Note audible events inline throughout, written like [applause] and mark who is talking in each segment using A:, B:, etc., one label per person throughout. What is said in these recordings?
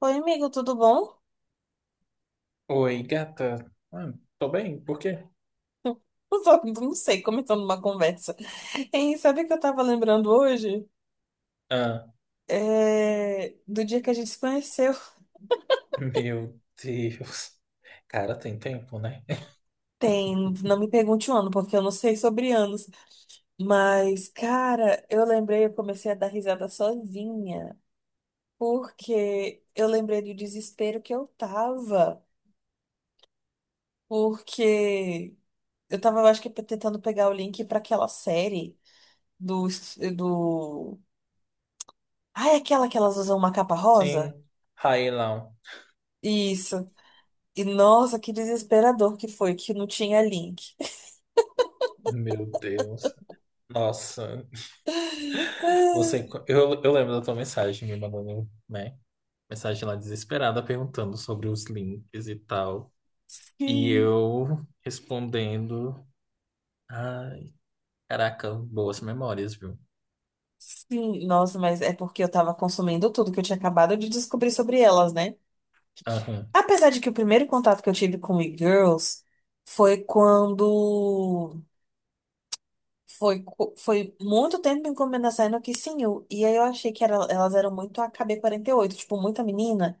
A: Oi, amigo, tudo bom?
B: Oi, gata. Ah, tô bem, por quê?
A: [laughs] Só que não sei, começando uma conversa. E sabe o que eu tava lembrando hoje?
B: Ah,
A: É, do dia que a gente se conheceu.
B: meu Deus. Cara, tem tempo, né? [laughs]
A: Tem, não me pergunte o ano, porque eu não sei sobre anos. Mas, cara, eu lembrei, eu comecei a dar risada sozinha, porque eu lembrei do desespero que eu tava, porque eu acho que tentando pegar o link pra aquela série do, do. Ah, é aquela que elas usam uma capa
B: Sim,
A: rosa?
B: Railão.
A: Isso. E nossa, que desesperador que foi, que não tinha link. [laughs]
B: Meu Deus. Nossa,
A: Ah,
B: você. Eu lembro da tua mensagem me mandando, né? Mensagem lá desesperada perguntando sobre os links e tal. E
A: sim,
B: eu respondendo. Ai, caraca, boas memórias, viu?
A: sim. Nossa, mas é porque eu tava consumindo tudo que eu tinha acabado de descobrir sobre elas, né?
B: Aham.
A: Apesar de que o primeiro contato que eu tive com e-girls foi quando. Foi muito tempo encomendando saindo que sim, e aí eu achei que elas eram muito a KB48 tipo, muita menina.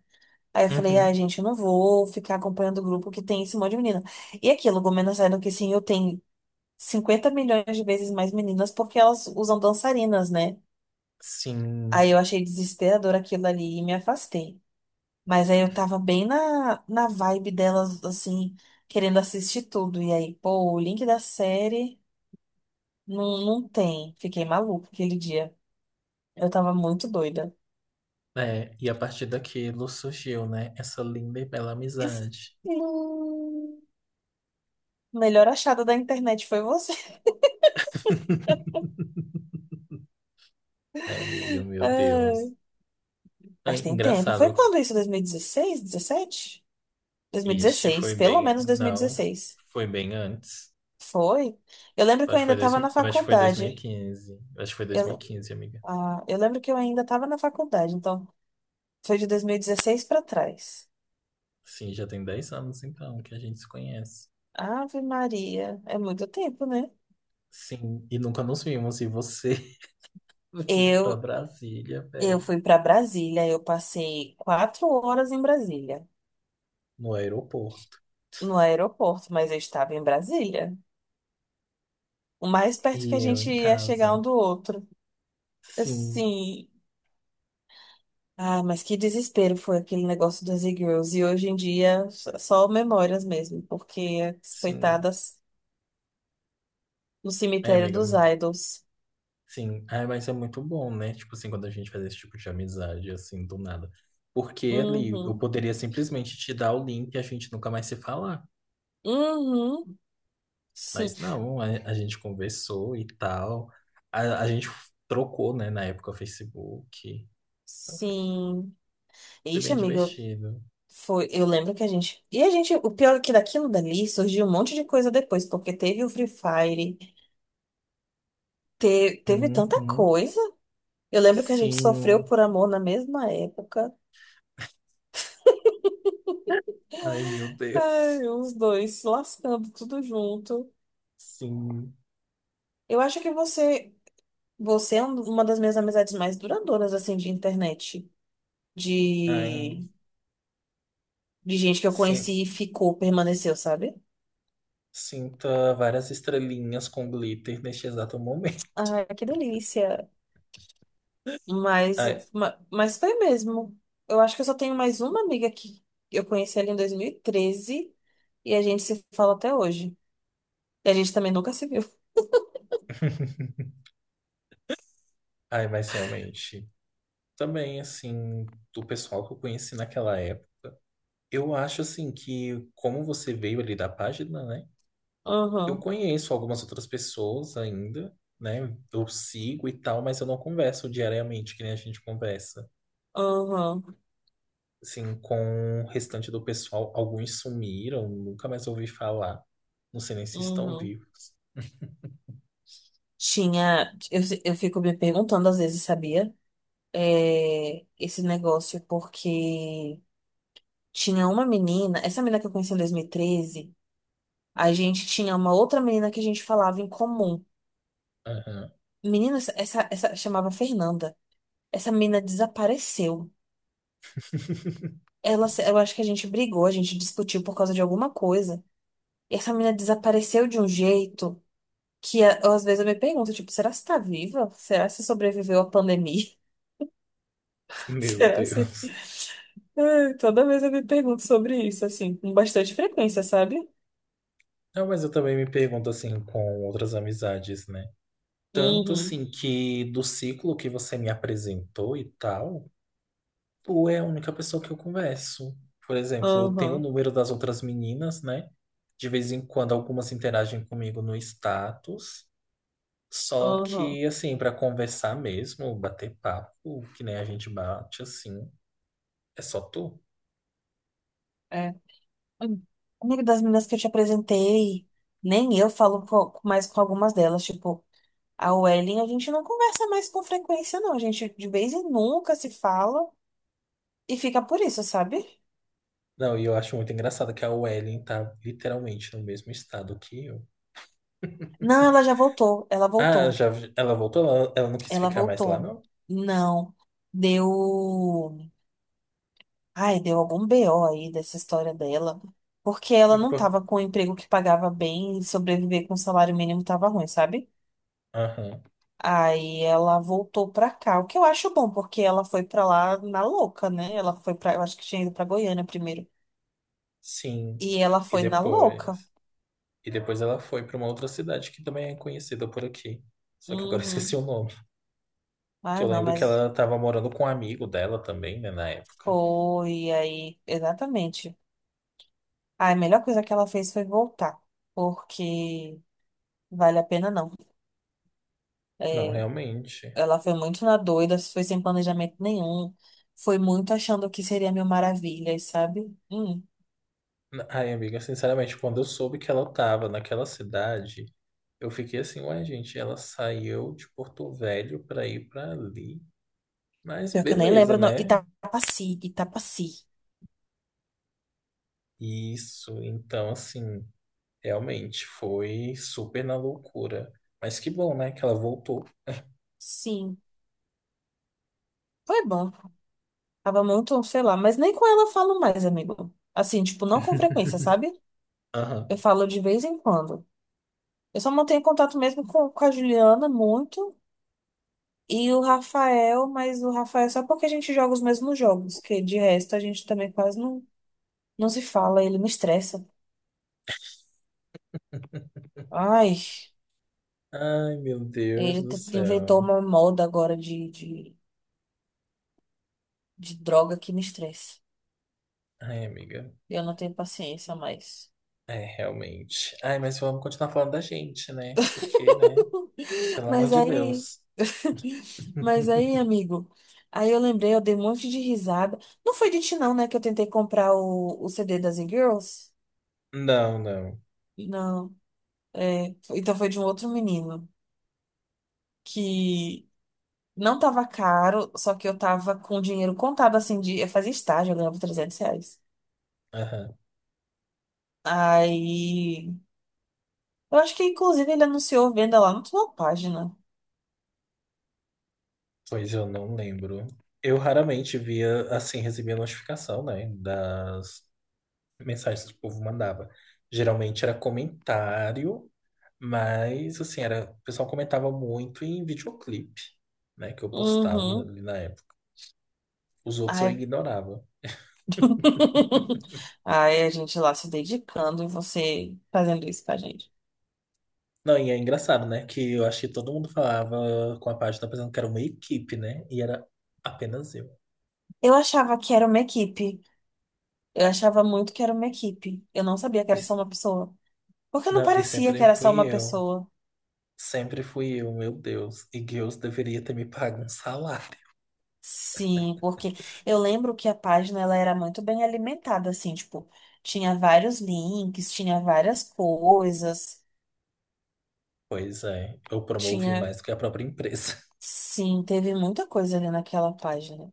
A: Aí eu falei, ah,
B: Uhum.
A: gente, eu não vou ficar acompanhando o grupo que tem esse monte de menina. E aquilo, Gomena saindo que sim, eu tenho 50 milhões de vezes mais meninas porque elas usam dançarinas, né?
B: Sim.
A: Aí eu achei desesperador aquilo ali e me afastei. Mas aí eu tava bem na vibe delas, assim, querendo assistir tudo. E aí, pô, o link da série não, não tem. Fiquei maluca aquele dia. Eu tava muito doida.
B: É, e a partir daquilo surgiu, né, essa linda e bela
A: Isso-
B: amizade.
A: Hum, Melhor achada da internet foi você.
B: [laughs] Ai, amiga,
A: [laughs]
B: meu
A: Ai,
B: Deus.
A: mas
B: Ai,
A: tem tempo. Foi
B: engraçado.
A: quando isso? 2016? 17?
B: Este
A: 2016,
B: foi
A: pelo
B: bem.
A: menos
B: Não,
A: 2016.
B: foi bem antes.
A: Foi? Eu lembro que
B: Acho
A: eu
B: que
A: ainda
B: foi
A: estava na
B: dois mil e
A: faculdade.
B: quinze Acho que foi dois mil e
A: Eu,
B: quinze, amiga.
A: eu lembro que eu ainda estava na faculdade, então foi de 2016 para trás.
B: Sim, já tem 10 anos então que a gente se conhece.
A: Ave Maria, é muito tempo, né?
B: Sim, e nunca nos vimos. E você [laughs] veio pra
A: Eu,
B: Brasília,
A: eu
B: velho,
A: fui para Brasília, eu passei 4 horas em Brasília,
B: no aeroporto.
A: no aeroporto, mas eu estava em Brasília, o mais perto que a
B: E eu em
A: gente ia chegar um
B: casa.
A: do outro.
B: Sim,
A: Assim, ah, mas que desespero foi aquele negócio das e-girls, e hoje em dia só memórias mesmo, porque as
B: sim.
A: coitadas. No
B: É,
A: cemitério
B: amiga,
A: dos idols.
B: sim, ah, mas é muito bom, né? Tipo assim, quando a gente faz esse tipo de amizade, assim, do nada. Porque ele, eu
A: Uhum.
B: poderia simplesmente te dar o link e a gente nunca mais se falar.
A: Uhum. Sim.
B: Mas não, a gente conversou e tal. A gente trocou, né, na época, o Facebook. Então
A: Sim.
B: foi
A: Ixi,
B: bem
A: amiga,
B: divertido.
A: foi, eu lembro que a gente. E a gente, o pior é que daquilo dali surgiu um monte de coisa depois, porque teve o Free Fire, teve tanta
B: Uhum.
A: coisa. Eu lembro que a gente sofreu
B: Sim.
A: por amor na mesma época.
B: Ai, meu Deus.
A: Ai, os dois se lascando tudo junto.
B: Sim.
A: Eu acho que você é uma das minhas amizades mais duradouras, assim, de internet.
B: Ai,
A: De de gente que eu
B: sim.
A: conheci e ficou, permaneceu, sabe?
B: Sinta várias estrelinhas com glitter neste exato momento.
A: Ai, que delícia.
B: [laughs]
A: Mas,
B: Ai.
A: mas foi mesmo. Eu acho que eu só tenho mais uma amiga que eu conheci ali em 2013 e a gente se fala até hoje. E a gente também nunca se viu.
B: Ai, mas realmente, também assim, do pessoal que eu conheci naquela época, eu acho assim que como você veio ali da página, né? Eu
A: Uhum,
B: conheço algumas outras pessoas ainda, né? Eu sigo e tal, mas eu não converso diariamente, que nem a gente conversa.
A: uhum,
B: Assim, com o restante do pessoal, alguns sumiram, nunca mais ouvi falar. Não sei nem se estão
A: uhum.
B: vivos.
A: Tinha. Eu, se- eu fico me perguntando às vezes, sabia? É, esse negócio, porque tinha uma menina, essa menina que eu conheci em 2013 a gente tinha uma outra menina que a gente falava em comum.
B: Aham.
A: Menina, chamava Fernanda. Essa menina desapareceu.
B: [laughs]
A: Ela, se- eu acho que a gente brigou, a gente discutiu por causa de alguma coisa. E essa menina desapareceu de um jeito que às vezes eu me pergunto, tipo, será que você tá viva? Será que você sobreviveu à pandemia? [laughs]
B: Meu
A: Será que você.
B: Deus.
A: Ai, toda vez eu me pergunto sobre isso, assim, com bastante frequência, sabe?
B: Não, mas eu também me pergunto assim com outras amizades, né? Tanto
A: Uhum,
B: assim que do ciclo que você me apresentou e tal, tu é a única pessoa que eu converso. Por exemplo, eu tenho o
A: aham,
B: número das outras meninas, né? De vez em quando algumas interagem comigo no status. Só
A: aham,
B: que, assim, pra conversar mesmo, bater papo, que nem a gente bate, assim, é só tu.
A: é. Hum. Amigo das meninas que eu te apresentei, nem eu falo mais com algumas delas, tipo. A Welling a gente não conversa mais com frequência, não. A gente de vez em nunca se fala e fica por isso, sabe?
B: Não, e eu acho muito engraçado que a Wellen tá literalmente no mesmo estado que eu.
A: Não, ela já voltou. Ela
B: Ah,
A: voltou.
B: já, ela voltou? Ela não quis
A: Ela
B: ficar mais lá,
A: voltou.
B: não?
A: Não. Deu. Ai, deu algum BO aí dessa história dela. Porque ela não
B: Por-
A: tava com um emprego que pagava bem e sobreviver com salário mínimo tava ruim, sabe?
B: Aham.
A: Aí ela voltou pra cá, o que eu acho bom, porque ela foi pra lá na louca, né? Ela foi pra. Eu acho que tinha ido pra Goiânia primeiro.
B: Sim.
A: E ela
B: E
A: foi na louca.
B: depois, e depois ela foi pra uma outra cidade que também é conhecida por aqui. Só que agora [laughs] eu esqueci
A: Uhum.
B: o nome. Que
A: Ah,
B: eu
A: não,
B: lembro que
A: mas
B: ela tava morando com um amigo dela também, né, na época.
A: foi aí, exatamente. Ah, a melhor coisa que ela fez foi voltar, porque vale a pena não.
B: Não,
A: É,
B: realmente.
A: ela foi muito na doida, foi sem planejamento nenhum, foi muito achando que seria mil maravilhas, sabe? Hum,
B: Ai, amiga, sinceramente, quando eu soube que ela tava naquela cidade, eu fiquei assim, ué, gente, ela saiu de Porto Velho pra ir pra ali. Mas
A: pior que eu nem
B: beleza,
A: lembro, não.
B: né?
A: Itapaci, Itapaci.
B: Isso, então, assim, realmente foi super na loucura. Mas que bom, né, que ela voltou.
A: Sim, foi bom. Tava muito, sei lá, mas nem com ela eu falo mais, amigo. Assim, tipo, não com frequência,
B: [laughs]
A: sabe?
B: Aham.
A: Eu falo de vez em quando. Eu só mantenho contato mesmo com a Juliana muito. E o Rafael, mas o Rafael é só porque a gente joga os mesmos jogos, que de resto a gente também quase não, não se fala, ele me estressa. Ai,
B: Ai, meu Deus
A: ele
B: do
A: inventou
B: céu.
A: uma moda agora de droga que me estressa.
B: Ai, amiga.
A: Eu não tenho paciência mais.
B: É, realmente. Ai, mas vamos continuar falando da gente, né? Porque, né?
A: [laughs]
B: Pelo amor
A: Mas
B: de
A: aí,
B: Deus.
A: mas
B: [laughs]
A: aí, amigo, aí eu lembrei, eu dei um monte de risada. Não foi de ti, não, né, que eu tentei comprar o CD das e Girls?
B: Não, não.
A: Não, é, então foi de um outro menino que não tava caro, só que eu tava com dinheiro contado, assim, de. Eu fazia estágio, eu ganhava R$ 300.
B: Aham.
A: Aí. Eu acho que, inclusive, ele anunciou venda lá na sua página.
B: Pois eu não lembro. Eu raramente via, assim, recebia notificação, né? Das mensagens que o povo mandava. Geralmente era comentário, mas, assim, era, o pessoal comentava muito em videoclipe, né? Que eu postava
A: Uhum.
B: ali na época. Os outros eu
A: Ai.
B: ignorava.
A: [laughs] Ai, a gente lá se dedicando e você fazendo isso pra gente.
B: Não, e é engraçado, né? Que eu acho que todo mundo falava com a página pensando que era uma equipe, né? E era apenas eu.
A: Eu achava que era uma equipe. Eu achava muito que era uma equipe. Eu não sabia que
B: E,
A: era só
B: s-
A: uma pessoa. Porque não
B: não, e
A: parecia que
B: sempre
A: era só
B: fui
A: uma
B: eu.
A: pessoa.
B: Sempre fui eu, meu Deus. E Deus deveria ter me pago um salário.
A: Sim, porque eu lembro que a página ela era muito bem alimentada, assim, tipo, tinha vários links, tinha várias coisas,
B: Pois é, eu promovi
A: tinha,
B: mais do que a própria empresa. [laughs]
A: sim, teve muita coisa ali naquela página.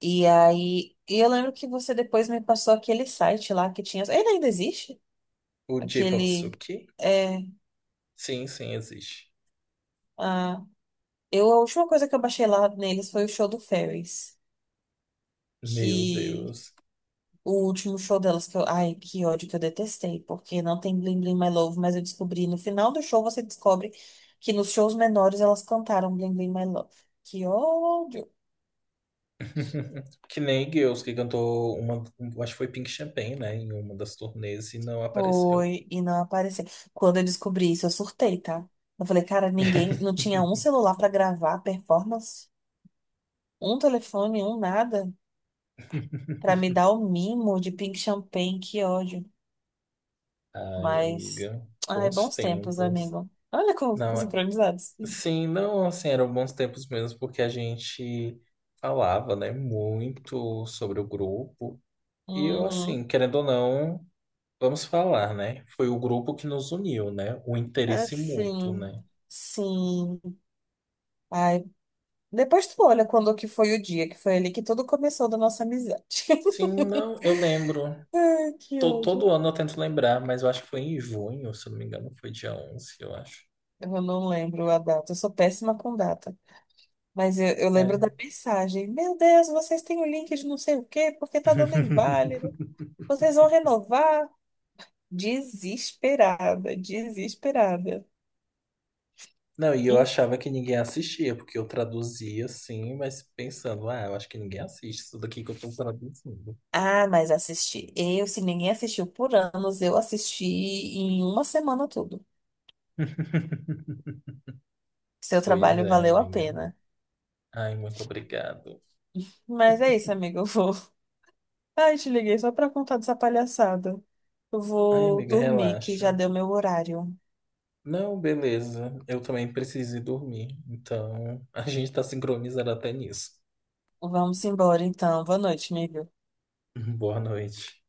A: E aí, e eu lembro que você depois me passou aquele site lá que tinha, ele ainda existe?
B: O J-Pop
A: Aquele,
B: Suki?
A: é,
B: Sim, sim, existe.
A: ah, a última coisa que eu baixei lá neles foi o show do Ferris,
B: Meu
A: que
B: Deus.
A: o último show delas que eu. Ai, que ódio que eu detestei, porque não tem Bling Bling My Love, mas eu descobri no final do show você descobre que nos shows menores elas cantaram Bling Bling My Love. Que ódio!
B: [laughs] Que nem Girls, que cantou uma. Acho que foi Pink Champagne, né? Em uma das turnês e não apareceu.
A: Foi, e não apareceu. Quando eu descobri isso, eu surtei, tá? Eu falei, cara, ninguém. Não tinha um
B: [laughs]
A: celular pra gravar a performance, um telefone, um nada, pra me dar o mimo de Pink Champagne. Que ódio.
B: Ai,
A: Mas.
B: amiga,
A: Ai,
B: bons
A: bons tempos,
B: tempos.
A: amigo. Olha como ficou
B: Não,
A: sincronizados.
B: sim, não, assim, eram bons tempos mesmo, porque a gente falava, né, muito sobre o grupo. E eu, assim,
A: Uhum.
B: querendo ou não, vamos falar, né? Foi o grupo que nos uniu, né? O interesse mútuo,
A: Assim,
B: né?
A: sim. Ai, depois tu olha quando que foi o dia, que foi ali que tudo começou da nossa amizade.
B: Sim,
A: [laughs]
B: não, eu lembro.
A: Ai, que
B: Todo
A: ódio.
B: ano eu tento lembrar, mas eu acho que foi em junho, se eu não me engano, foi dia 11, eu acho.
A: Eu não lembro a data, eu sou péssima com data. Mas eu lembro da
B: É.
A: mensagem. Meu Deus, vocês têm o link de não sei o quê, porque tá dando
B: [laughs]
A: inválido. Vocês vão renovar? Desesperada, desesperada.
B: Não, e eu
A: Hum.
B: achava que ninguém assistia, porque eu traduzia assim, mas pensando, ah, eu acho que ninguém assiste isso daqui que eu tô traduzindo.
A: Ah, mas assisti. Eu, se ninguém assistiu por anos, eu assisti em uma semana tudo.
B: [laughs]
A: Seu
B: Pois
A: trabalho
B: é,
A: valeu a
B: amiga.
A: pena.
B: Ai, muito obrigado.
A: Mas é isso, amiga. Eu vou. [laughs] Ai, te liguei só pra contar dessa palhaçada. Eu
B: Ai,
A: vou
B: amiga,
A: dormir, que já
B: relaxa.
A: deu meu horário.
B: Não, beleza. Eu também preciso ir dormir. Então, a gente tá sincronizado até nisso.
A: Vamos embora, então. Boa noite, amiga.
B: [laughs] Boa noite.